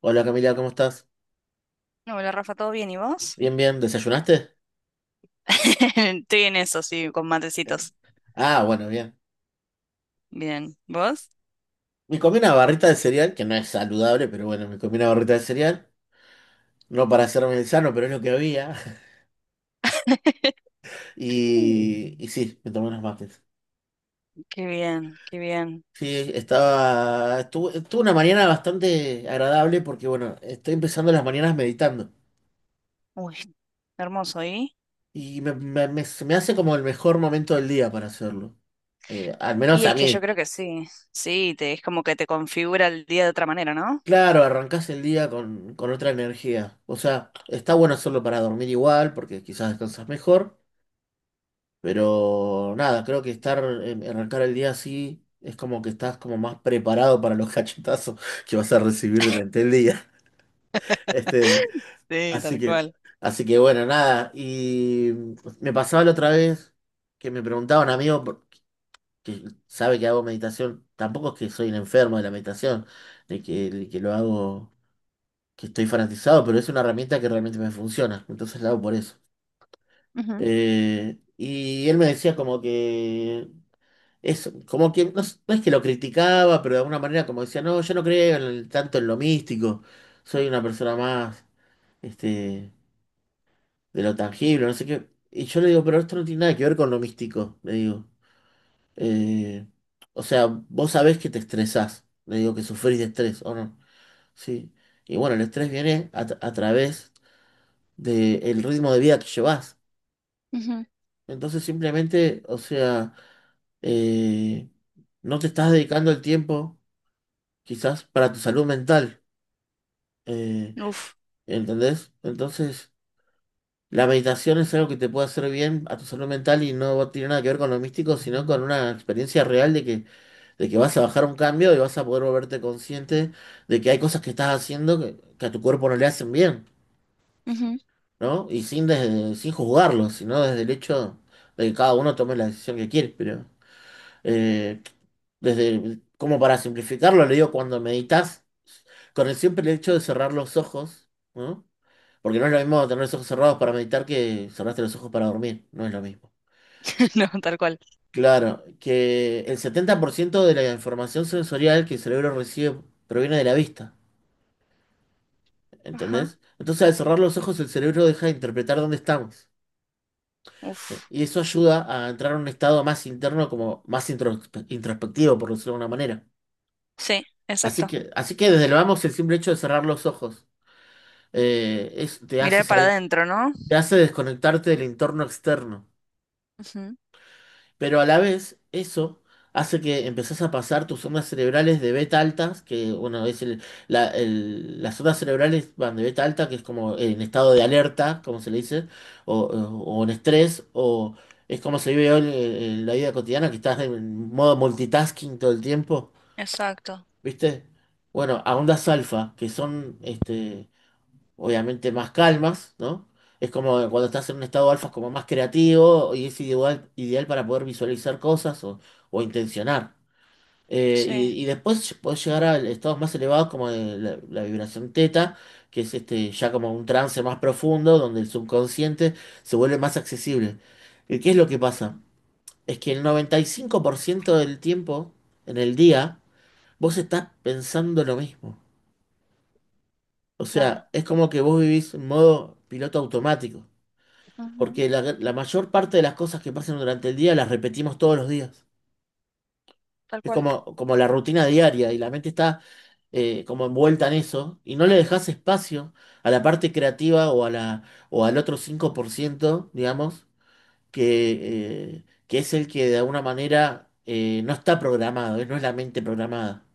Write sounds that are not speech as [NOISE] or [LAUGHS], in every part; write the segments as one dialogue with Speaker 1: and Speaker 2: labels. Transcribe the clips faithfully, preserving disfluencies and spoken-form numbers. Speaker 1: Hola Camila, ¿cómo estás?
Speaker 2: Hola Rafa, ¿todo bien? ¿Y vos?
Speaker 1: Bien, bien. ¿Desayunaste?
Speaker 2: [LAUGHS] Estoy en eso, sí, con
Speaker 1: Eh,
Speaker 2: matecitos.
Speaker 1: Ah, bueno, bien.
Speaker 2: Bien. ¿Vos?
Speaker 1: Me comí una barrita de cereal, que no es saludable, pero bueno, me comí una barrita de cereal. No para hacerme el sano, pero es lo que había. [LAUGHS]
Speaker 2: [LAUGHS]
Speaker 1: Y, y sí, me tomé unos mates.
Speaker 2: Qué bien, qué bien.
Speaker 1: Sí, estaba... Estuve, tuve una mañana bastante agradable porque, bueno, estoy empezando las mañanas meditando.
Speaker 2: Uy, hermoso, ¿y?
Speaker 1: Y me, me- me- se me hace como el mejor momento del día para hacerlo. Eh, al
Speaker 2: Y
Speaker 1: menos a
Speaker 2: es que yo
Speaker 1: mí.
Speaker 2: creo que sí, sí, te, es como que te configura el día de otra manera, ¿no?
Speaker 1: Claro, arrancás el día con, con otra energía. O sea, está bueno hacerlo para dormir igual, porque quizás descansas mejor, pero nada, creo que estar, em, arrancar el día así es como que estás como más preparado para los [LAUGHS] cachetazos que vas a recibir durante el día. [LAUGHS] Este,
Speaker 2: [LAUGHS] Sí,
Speaker 1: así
Speaker 2: tal
Speaker 1: que,
Speaker 2: cual.
Speaker 1: así que bueno, nada. Y mm, me pasaba la otra vez que me preguntaba un amigo por- que sabe que hago meditación. Tampoco es que soy un enfermo de la meditación, de que, de que lo hago, que estoy fanatizado, pero es una herramienta que realmente me funciona, entonces la hago por eso.
Speaker 2: Ujú,
Speaker 1: Eh, y él me decía como que eso, como que no, es no es que lo criticaba, pero de alguna manera como decía, no, yo no creo en el- tanto en lo místico, soy una persona más este, de lo tangible, no sé qué. Y yo le digo, pero esto no tiene nada que ver con lo místico, le digo. Eh, o sea, vos sabés que te estresás, le digo que sufrís de estrés, ¿o no? Sí. Y bueno, el estrés viene a, tra- a través del ritmo de vida que llevas. Entonces simplemente, o sea, eh, no te estás dedicando el tiempo quizás para tu salud mental, eh,
Speaker 2: ujú, uf.
Speaker 1: ¿entendés? Entonces, la meditación es algo que te puede hacer bien a tu salud mental y no tiene nada que ver con lo místico, sino con una experiencia real de que, de que vas a bajar un cambio y vas a poder volverte consciente de que hay cosas que estás haciendo que, que a tu cuerpo no le hacen bien,
Speaker 2: Ujú.
Speaker 1: ¿no? Y sin, desde- sin juzgarlo, sino desde el hecho de que cada uno tome la decisión que quiere. Pero eh, desde, como para simplificarlo, le digo cuando meditas, con el simple hecho de cerrar los ojos, ¿no? Porque no es lo mismo tener los ojos cerrados para meditar que cerraste los ojos para dormir, no es lo mismo.
Speaker 2: [LAUGHS] No, tal cual.
Speaker 1: Claro, que el setenta por ciento de la información sensorial que el cerebro recibe proviene de la vista,
Speaker 2: Ajá.
Speaker 1: ¿entendés? Entonces al cerrar los ojos el cerebro deja de interpretar dónde estamos.
Speaker 2: Uf.
Speaker 1: Y eso ayuda a entrar a un estado más interno, como más introspe- introspectivo, por decirlo de alguna manera.
Speaker 2: Sí,
Speaker 1: Así
Speaker 2: exacto.
Speaker 1: que, así que desde el vamos, el simple hecho de cerrar los ojos eh, es- te hace
Speaker 2: Mirar para
Speaker 1: salir,
Speaker 2: adentro, ¿no?
Speaker 1: te hace desconectarte del entorno externo.
Speaker 2: Ujú,
Speaker 1: Pero a la vez, eso hace que empezás a pasar tus ondas cerebrales de beta altas, que bueno, es el, la- el- las ondas cerebrales van de beta alta, que es como en estado de alerta, como se le dice, o, o- o en estrés, o es como se vive hoy en, en la vida cotidiana, que estás en modo multitasking todo el tiempo,
Speaker 2: exacto.
Speaker 1: ¿viste? Bueno, a ondas alfa, que son este, obviamente más calmas, ¿no? Es como que cuando estás en un estado alfa es como más creativo y es ideal, ideal para poder visualizar cosas o, o intencionar. Eh,
Speaker 2: Sí,
Speaker 1: y, y después podés llegar a estados más elevados como de la, la vibración teta, que es este, ya como un trance más profundo donde el subconsciente se vuelve más accesible. ¿Y qué es lo que pasa? Es que el noventa y cinco por ciento del tiempo en el día vos estás pensando lo mismo. O
Speaker 2: claro.
Speaker 1: sea, es como que vos vivís en modo piloto automático.
Speaker 2: Ujú,
Speaker 1: Porque la, la mayor parte de las cosas que pasan durante el día las repetimos todos los días.
Speaker 2: tal
Speaker 1: Es
Speaker 2: cual.
Speaker 1: como, como la rutina diaria y la mente está eh, como envuelta en eso y no le dejas espacio a la parte creativa o, a la, o al otro cinco por ciento digamos, que, eh, que es el que de alguna manera eh, no está programado, eh, no es la mente programada.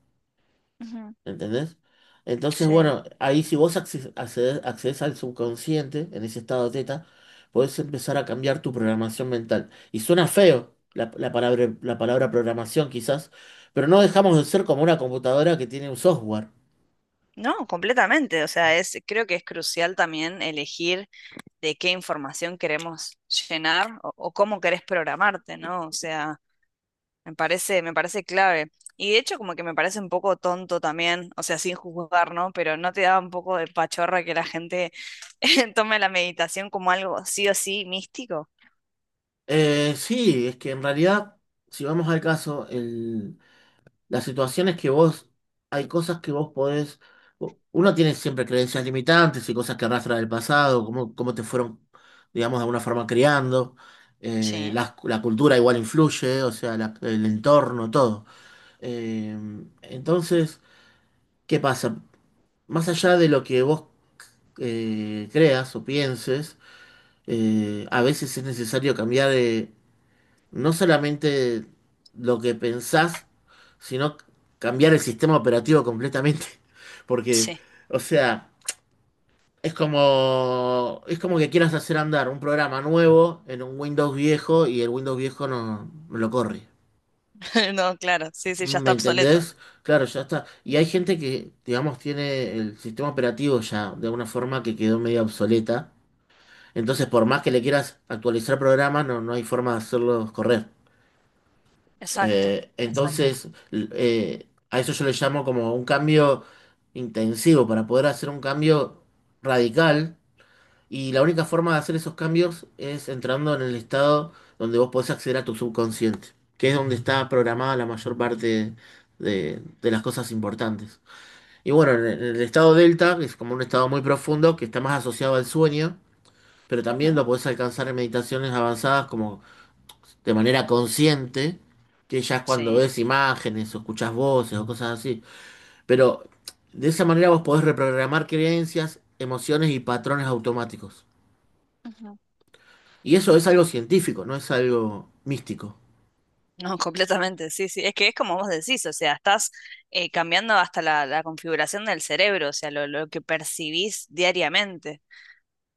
Speaker 2: Ujú,
Speaker 1: ¿Entendés? Entonces,
Speaker 2: sí.
Speaker 1: bueno, ahí si vos acces- accedes, accedes al subconsciente, en ese estado teta, podés empezar a cambiar tu programación mental. Y suena feo la, la palabra, la palabra programación quizás, pero no dejamos de ser como una computadora que tiene un software.
Speaker 2: No, completamente. O sea, es, creo que es crucial también elegir de qué información queremos llenar o, o cómo querés programarte, ¿no? O sea, me parece, me parece clave. Y de hecho, como que me parece un poco tonto también, o sea, sin juzgar, ¿no? Pero ¿no te da un poco de pachorra que la gente [LAUGHS] tome la meditación como algo sí o sí místico?
Speaker 1: Eh, sí, es que en realidad, si vamos al caso, la situación es que vos, hay cosas que vos podés, uno tiene siempre creencias limitantes y cosas que arrastra del pasado, cómo, cómo te fueron, digamos, de alguna forma criando. eh,
Speaker 2: Sí,
Speaker 1: la, la cultura igual influye, o sea, la- el entorno, todo. Eh, entonces, ¿qué pasa? Más allá de lo que vos eh, creas o pienses, eh, a veces es necesario cambiar de no solamente lo que pensás, sino c- cambiar el sistema operativo completamente. [LAUGHS] Porque,
Speaker 2: sí.
Speaker 1: o sea, es como, es como que quieras hacer andar un programa nuevo en un Windows viejo y el Windows viejo no, no lo corre.
Speaker 2: [LAUGHS] No, claro, sí, sí, ya
Speaker 1: ¿Me
Speaker 2: está obsoleto.
Speaker 1: entendés? Claro, ya está. Y hay gente que, digamos, tiene el sistema operativo ya de una forma que quedó medio obsoleta. Entonces, por más que le quieras actualizar programas, no, no hay forma de hacerlos correr.
Speaker 2: Exacto,
Speaker 1: Eh,
Speaker 2: exacto.
Speaker 1: entonces, l- eh, a eso yo le llamo como un cambio intensivo, para poder hacer un cambio radical. Y la única forma de hacer esos cambios es entrando en el estado donde vos podés acceder a tu subconsciente, que es donde está programada la mayor parte de, de las cosas importantes. Y bueno, en el en el estado delta, que es como un estado muy profundo, que está más asociado al sueño, pero también
Speaker 2: Ujú,
Speaker 1: lo podés alcanzar en meditaciones avanzadas como de manera consciente, que ya es cuando
Speaker 2: sí.
Speaker 1: ves imágenes o escuchas voces o cosas así. Pero de esa manera vos podés reprogramar creencias, emociones y patrones automáticos. Y eso es algo científico, no es algo místico.
Speaker 2: No, [LAUGHS] completamente, sí, sí. Es que es como vos decís, o sea, estás eh, cambiando hasta la, la configuración del cerebro, o sea, lo, lo que percibís diariamente.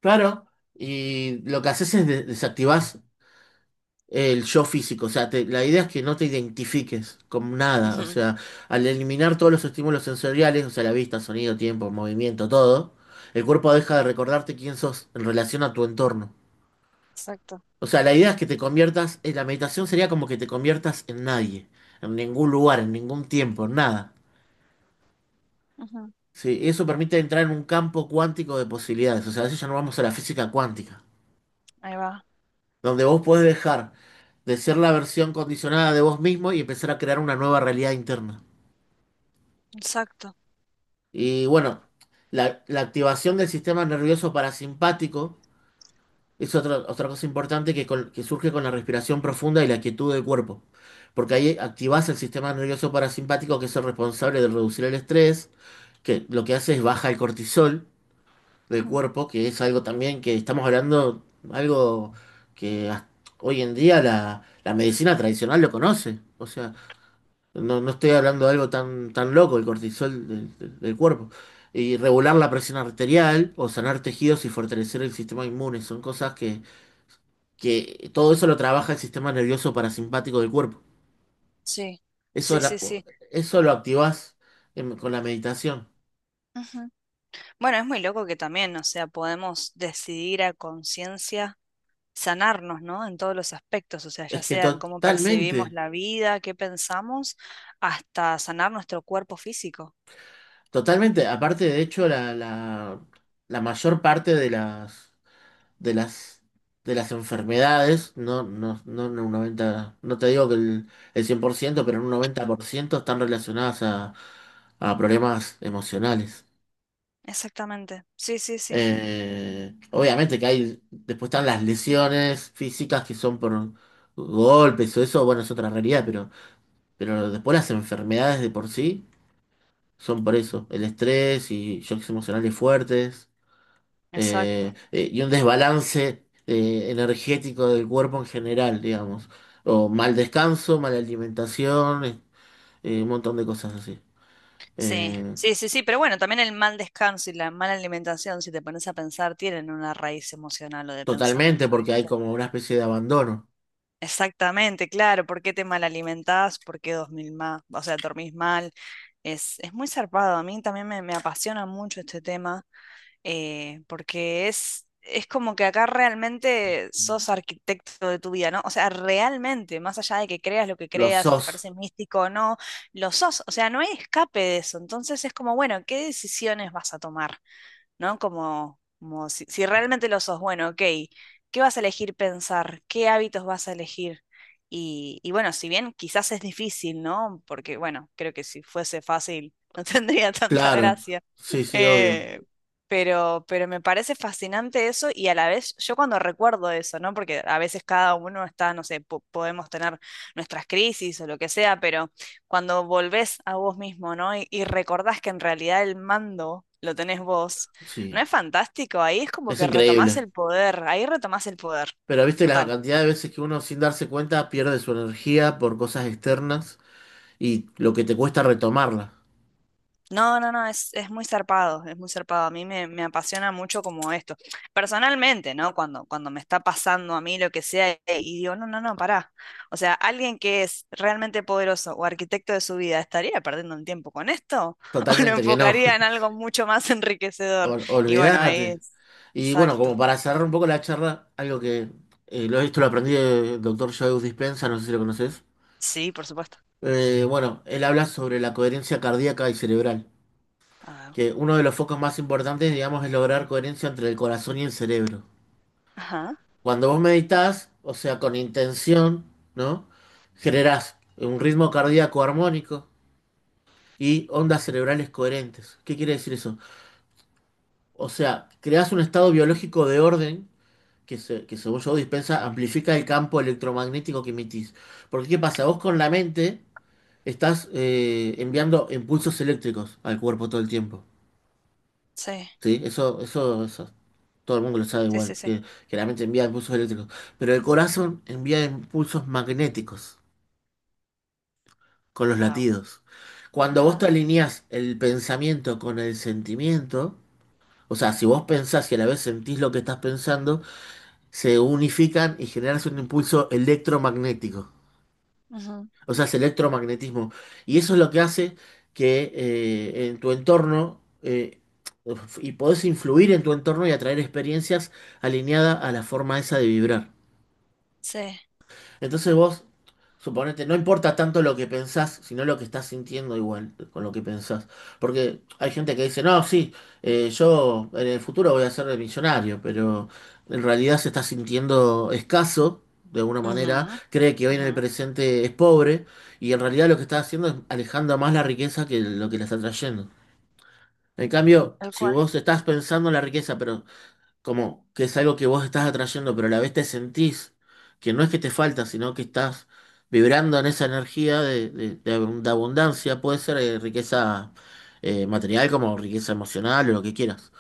Speaker 1: Claro, y lo que haces es de- desactivás el yo físico, o sea, te- la idea es que no te identifiques con nada, o
Speaker 2: Ujú,
Speaker 1: sea, al eliminar todos los estímulos sensoriales, o sea, la vista, sonido, tiempo, movimiento, todo, el cuerpo deja de recordarte quién sos en relación a tu entorno.
Speaker 2: exacto.
Speaker 1: O sea, la idea es que te conviertas, eh, la meditación sería como que te conviertas en nadie, en ningún lugar, en ningún tiempo, en nada.
Speaker 2: Ujú,
Speaker 1: Sí, eso permite entrar en un campo cuántico de posibilidades. O sea, a veces ya no vamos a la física cuántica,
Speaker 2: ahí va.
Speaker 1: donde vos podés dejar de ser la versión condicionada de vos mismo y empezar a crear una nueva realidad interna.
Speaker 2: Exacto.
Speaker 1: Y bueno, la, la activación del sistema nervioso parasimpático. Es otra, otra cosa importante que, con- que surge con la respiración profunda y la quietud del cuerpo, porque ahí activás el sistema nervioso parasimpático que es el responsable de reducir el estrés, que lo que hace es baja el cortisol del
Speaker 2: Ujú,
Speaker 1: cuerpo, que es algo también que estamos hablando, algo que hasta hoy en día la, la medicina tradicional lo conoce, o sea, no, no estoy hablando de algo tan, tan loco, el cortisol del, del del cuerpo. Y regular la presión arterial o sanar tejidos y fortalecer el sistema inmune son cosas que que todo eso lo trabaja el sistema nervioso parasimpático del cuerpo.
Speaker 2: sí,
Speaker 1: Eso,
Speaker 2: sí,
Speaker 1: la-
Speaker 2: sí, sí.
Speaker 1: eso lo activás en- con la meditación.
Speaker 2: Ujú. Bueno, es muy loco que también, o sea, podemos decidir a conciencia sanarnos, ¿no? En todos los aspectos, o sea, ya
Speaker 1: Es que
Speaker 2: sea en cómo percibimos
Speaker 1: totalmente,
Speaker 2: la vida, qué pensamos, hasta sanar nuestro cuerpo físico.
Speaker 1: totalmente. Aparte, de hecho, la, la, la mayor parte de las, de las, de las enfermedades, no, no, no en un noventa no te digo que el, el cien por ciento pero en un noventa por ciento están relacionadas a, a problemas emocionales.
Speaker 2: Exactamente. Sí, sí, sí.
Speaker 1: Eh, obviamente que hay, después están las lesiones físicas que son por golpes o eso, bueno, es otra realidad, pero, pero después las enfermedades de por sí son por eso, el estrés y shocks emocionales fuertes
Speaker 2: Exacto.
Speaker 1: eh, eh, y un desbalance eh, energético del cuerpo en general, digamos, o mal descanso, mala alimentación, eh, eh, un montón de cosas así.
Speaker 2: Sí,
Speaker 1: Eh,
Speaker 2: sí, sí, sí, pero bueno, también el mal descanso y la mala alimentación, si te pones a pensar, tienen una raíz emocional o de
Speaker 1: Totalmente
Speaker 2: pensamiento,
Speaker 1: porque hay
Speaker 2: ¿viste?
Speaker 1: como una especie de abandono.
Speaker 2: Exactamente, claro, ¿por qué te mal alimentás? ¿Por qué dormís más? O sea, dormís mal. Es, es muy zarpado, a mí también me, me apasiona mucho este tema, eh, porque es, es como que acá realmente sos arquitecto de tu vida, ¿no? O sea, realmente, más allá de que creas lo que
Speaker 1: Lo
Speaker 2: creas, si te
Speaker 1: sos.
Speaker 2: parece místico o no, lo sos, o sea, no hay escape de eso, entonces es como, bueno, ¿qué decisiones vas a tomar? ¿No? Como, como si, si realmente lo sos, bueno, ok, ¿qué vas a elegir pensar? ¿Qué hábitos vas a elegir? Y, y bueno, si bien quizás es difícil, ¿no? Porque bueno, creo que si fuese fácil [LAUGHS] no tendría tanta
Speaker 1: Claro,
Speaker 2: gracia.
Speaker 1: sí, sí, obvio.
Speaker 2: Eh, pero, pero me parece fascinante eso y a la vez yo cuando recuerdo eso, ¿no? Porque a veces cada uno está, no sé, po- podemos tener nuestras crisis o lo que sea, pero cuando volvés a vos mismo, ¿no? Y, y recordás que en realidad el mando lo tenés vos. ¿No
Speaker 1: Sí,
Speaker 2: es fantástico? Ahí es como
Speaker 1: es
Speaker 2: que retomás
Speaker 1: increíble.
Speaker 2: el poder, ahí retomás el poder,
Speaker 1: Pero viste la
Speaker 2: total.
Speaker 1: cantidad de veces que uno sin darse cuenta pierde su energía por cosas externas y lo que te cuesta retomarla.
Speaker 2: No, no, no, es, es muy zarpado, es muy zarpado. A mí me, me apasiona mucho como esto. Personalmente, ¿no? Cuando, cuando me está pasando a mí lo que sea, eh, y digo, no, no, no, pará. O sea, alguien que es realmente poderoso o arquitecto de su vida, ¿estaría perdiendo un tiempo con esto? [LAUGHS] ¿O lo
Speaker 1: Totalmente que no.
Speaker 2: enfocaría en
Speaker 1: [LAUGHS]
Speaker 2: algo mucho más enriquecedor?
Speaker 1: Ol-
Speaker 2: Y bueno, ahí
Speaker 1: olvídate.
Speaker 2: es.
Speaker 1: Y bueno, como
Speaker 2: Exacto.
Speaker 1: para cerrar un poco la charla, algo que eh, lo, esto lo aprendí del doctor Joe Dispenza, no sé si lo conoces.
Speaker 2: Sí, por supuesto.
Speaker 1: Eh, bueno, él habla sobre la coherencia cardíaca y cerebral,
Speaker 2: A ver.
Speaker 1: que uno de los focos más importantes, digamos, es lograr coherencia entre el corazón y el cerebro.
Speaker 2: Ajá.
Speaker 1: Cuando vos meditas, o sea, con intención, ¿no? Generás un ritmo cardíaco armónico y ondas cerebrales coherentes. ¿Qué quiere decir eso? O sea, creás un estado biológico de orden que, se- que según Joe Dispensa, amplifica el campo electromagnético que emitís. Porque ¿qué pasa? Vos con la mente estás eh, enviando impulsos eléctricos al cuerpo todo el tiempo.
Speaker 2: Sí,
Speaker 1: ¿Sí? Eso, eso, eso, todo el mundo lo sabe
Speaker 2: sí, sí,
Speaker 1: igual,
Speaker 2: sí.
Speaker 1: que, que la mente envía impulsos eléctricos. Pero el corazón envía impulsos magnéticos con los
Speaker 2: Wow.
Speaker 1: latidos. Cuando vos te alineás el pensamiento con el sentimiento, o sea, si vos pensás y a la vez sentís lo que estás pensando, se unifican y generas un impulso electromagnético.
Speaker 2: Ujú,
Speaker 1: O sea, es electromagnetismo. Y eso es lo que hace que eh, en tu entorno, eh, y podés influir en tu entorno y atraer experiencias alineadas a la forma esa de vibrar.
Speaker 2: sí.
Speaker 1: Entonces vos, suponete, no importa tanto lo que pensás, sino lo que estás sintiendo igual con lo que pensás. Porque hay gente que dice, no, sí, eh, yo en el futuro voy a ser millonario, pero en realidad se está sintiendo escaso, de alguna
Speaker 2: Ujú,
Speaker 1: manera, cree que hoy en
Speaker 2: ujú,
Speaker 1: el presente es pobre, y en realidad lo que está haciendo es alejando más la riqueza que lo que le está trayendo. En cambio,
Speaker 2: tal
Speaker 1: si
Speaker 2: cual.
Speaker 1: vos estás pensando en la riqueza, pero como que es algo que vos estás atrayendo, pero a la vez te sentís que no es que te falta, sino que estás vibrando en esa energía de, de- de abun- de abundancia, puede ser eh, riqueza eh, material como riqueza emocional o lo que quieras.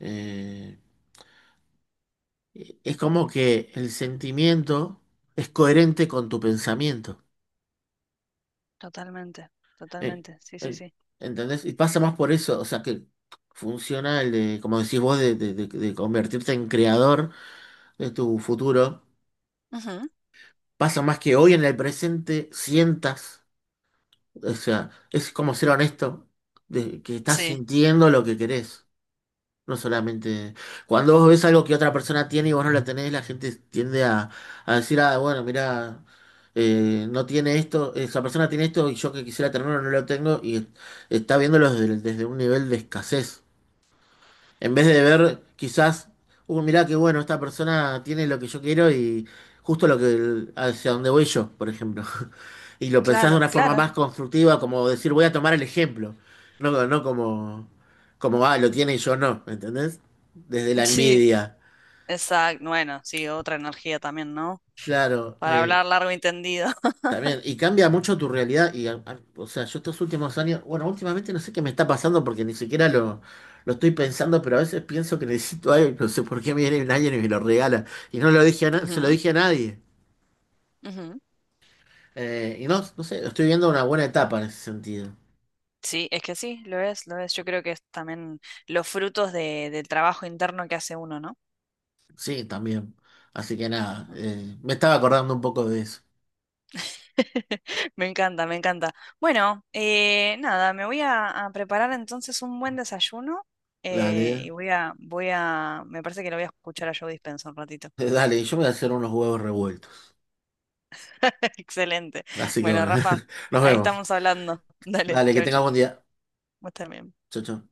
Speaker 1: Eh, eh, es como que el sentimiento es coherente con tu pensamiento.
Speaker 2: Totalmente,
Speaker 1: Eh,
Speaker 2: totalmente. Sí, sí,
Speaker 1: eh,
Speaker 2: sí.
Speaker 1: ¿Entendés? Y pasa más por eso, o sea que funciona el de, como decís vos, de de- de- de convertirte en creador de tu futuro,
Speaker 2: Ujú,
Speaker 1: pasa más que hoy en el presente sientas, o sea, es como ser honesto, de que estás
Speaker 2: sí,
Speaker 1: sintiendo lo que querés. No solamente cuando vos ves algo que otra persona tiene y vos no la tenés, la gente tiende a, a decir, ah, bueno, mira, no tiene esto, esa persona tiene esto y yo que quisiera tenerlo no lo tengo y está viéndolo desde, desde un nivel de escasez. En vez de ver quizás, uh, mirá qué bueno, esta persona tiene lo que yo quiero y justo lo que hacia donde voy yo, por ejemplo, y lo pensás de
Speaker 2: claro,
Speaker 1: una forma
Speaker 2: claro.
Speaker 1: más constructiva, como decir, voy a tomar el ejemplo, no, no como, como, ah, lo tiene y yo no, ¿entendés? Desde la
Speaker 2: [LAUGHS] Sí,
Speaker 1: envidia,
Speaker 2: exacto. Bueno, sí, otra energía también, ¿no?
Speaker 1: claro,
Speaker 2: Para
Speaker 1: eh,
Speaker 2: hablar largo y tendido. [LAUGHS]
Speaker 1: también, y cambia mucho tu realidad, y, a- a- o sea, yo estos últimos años, bueno, últimamente no sé qué me está pasando porque ni siquiera lo, lo estoy pensando, pero a veces pienso que necesito algo, y no sé por qué me viene alguien y me lo regala, y no lo dije a na- se lo
Speaker 2: Ujú,
Speaker 1: dije a nadie.
Speaker 2: ujú.
Speaker 1: Eh, y no, no sé, estoy viendo una buena etapa en ese sentido.
Speaker 2: Sí, es que sí, lo es, lo es. Yo creo que es también los frutos de, del trabajo interno que hace uno, ¿no?
Speaker 1: Sí, también. Así que nada, eh, me estaba acordando un poco de eso.
Speaker 2: [LAUGHS] Me encanta, me encanta. Bueno, eh, nada, me voy a, a preparar entonces un buen desayuno, eh,
Speaker 1: Dale,
Speaker 2: y voy a, voy a, me parece que lo voy a escuchar a Joe Dispenza un ratito.
Speaker 1: [LAUGHS] dale, yo me voy a hacer unos huevos revueltos.
Speaker 2: [LAUGHS] Excelente.
Speaker 1: Así que
Speaker 2: Bueno,
Speaker 1: bueno,
Speaker 2: Rafa,
Speaker 1: [LAUGHS] nos
Speaker 2: ahí
Speaker 1: vemos.
Speaker 2: estamos hablando. [LAUGHS] Dale,
Speaker 1: Dale, que
Speaker 2: chau,
Speaker 1: tengas
Speaker 2: chi.
Speaker 1: buen día.
Speaker 2: Vos también.
Speaker 1: Chau, chau.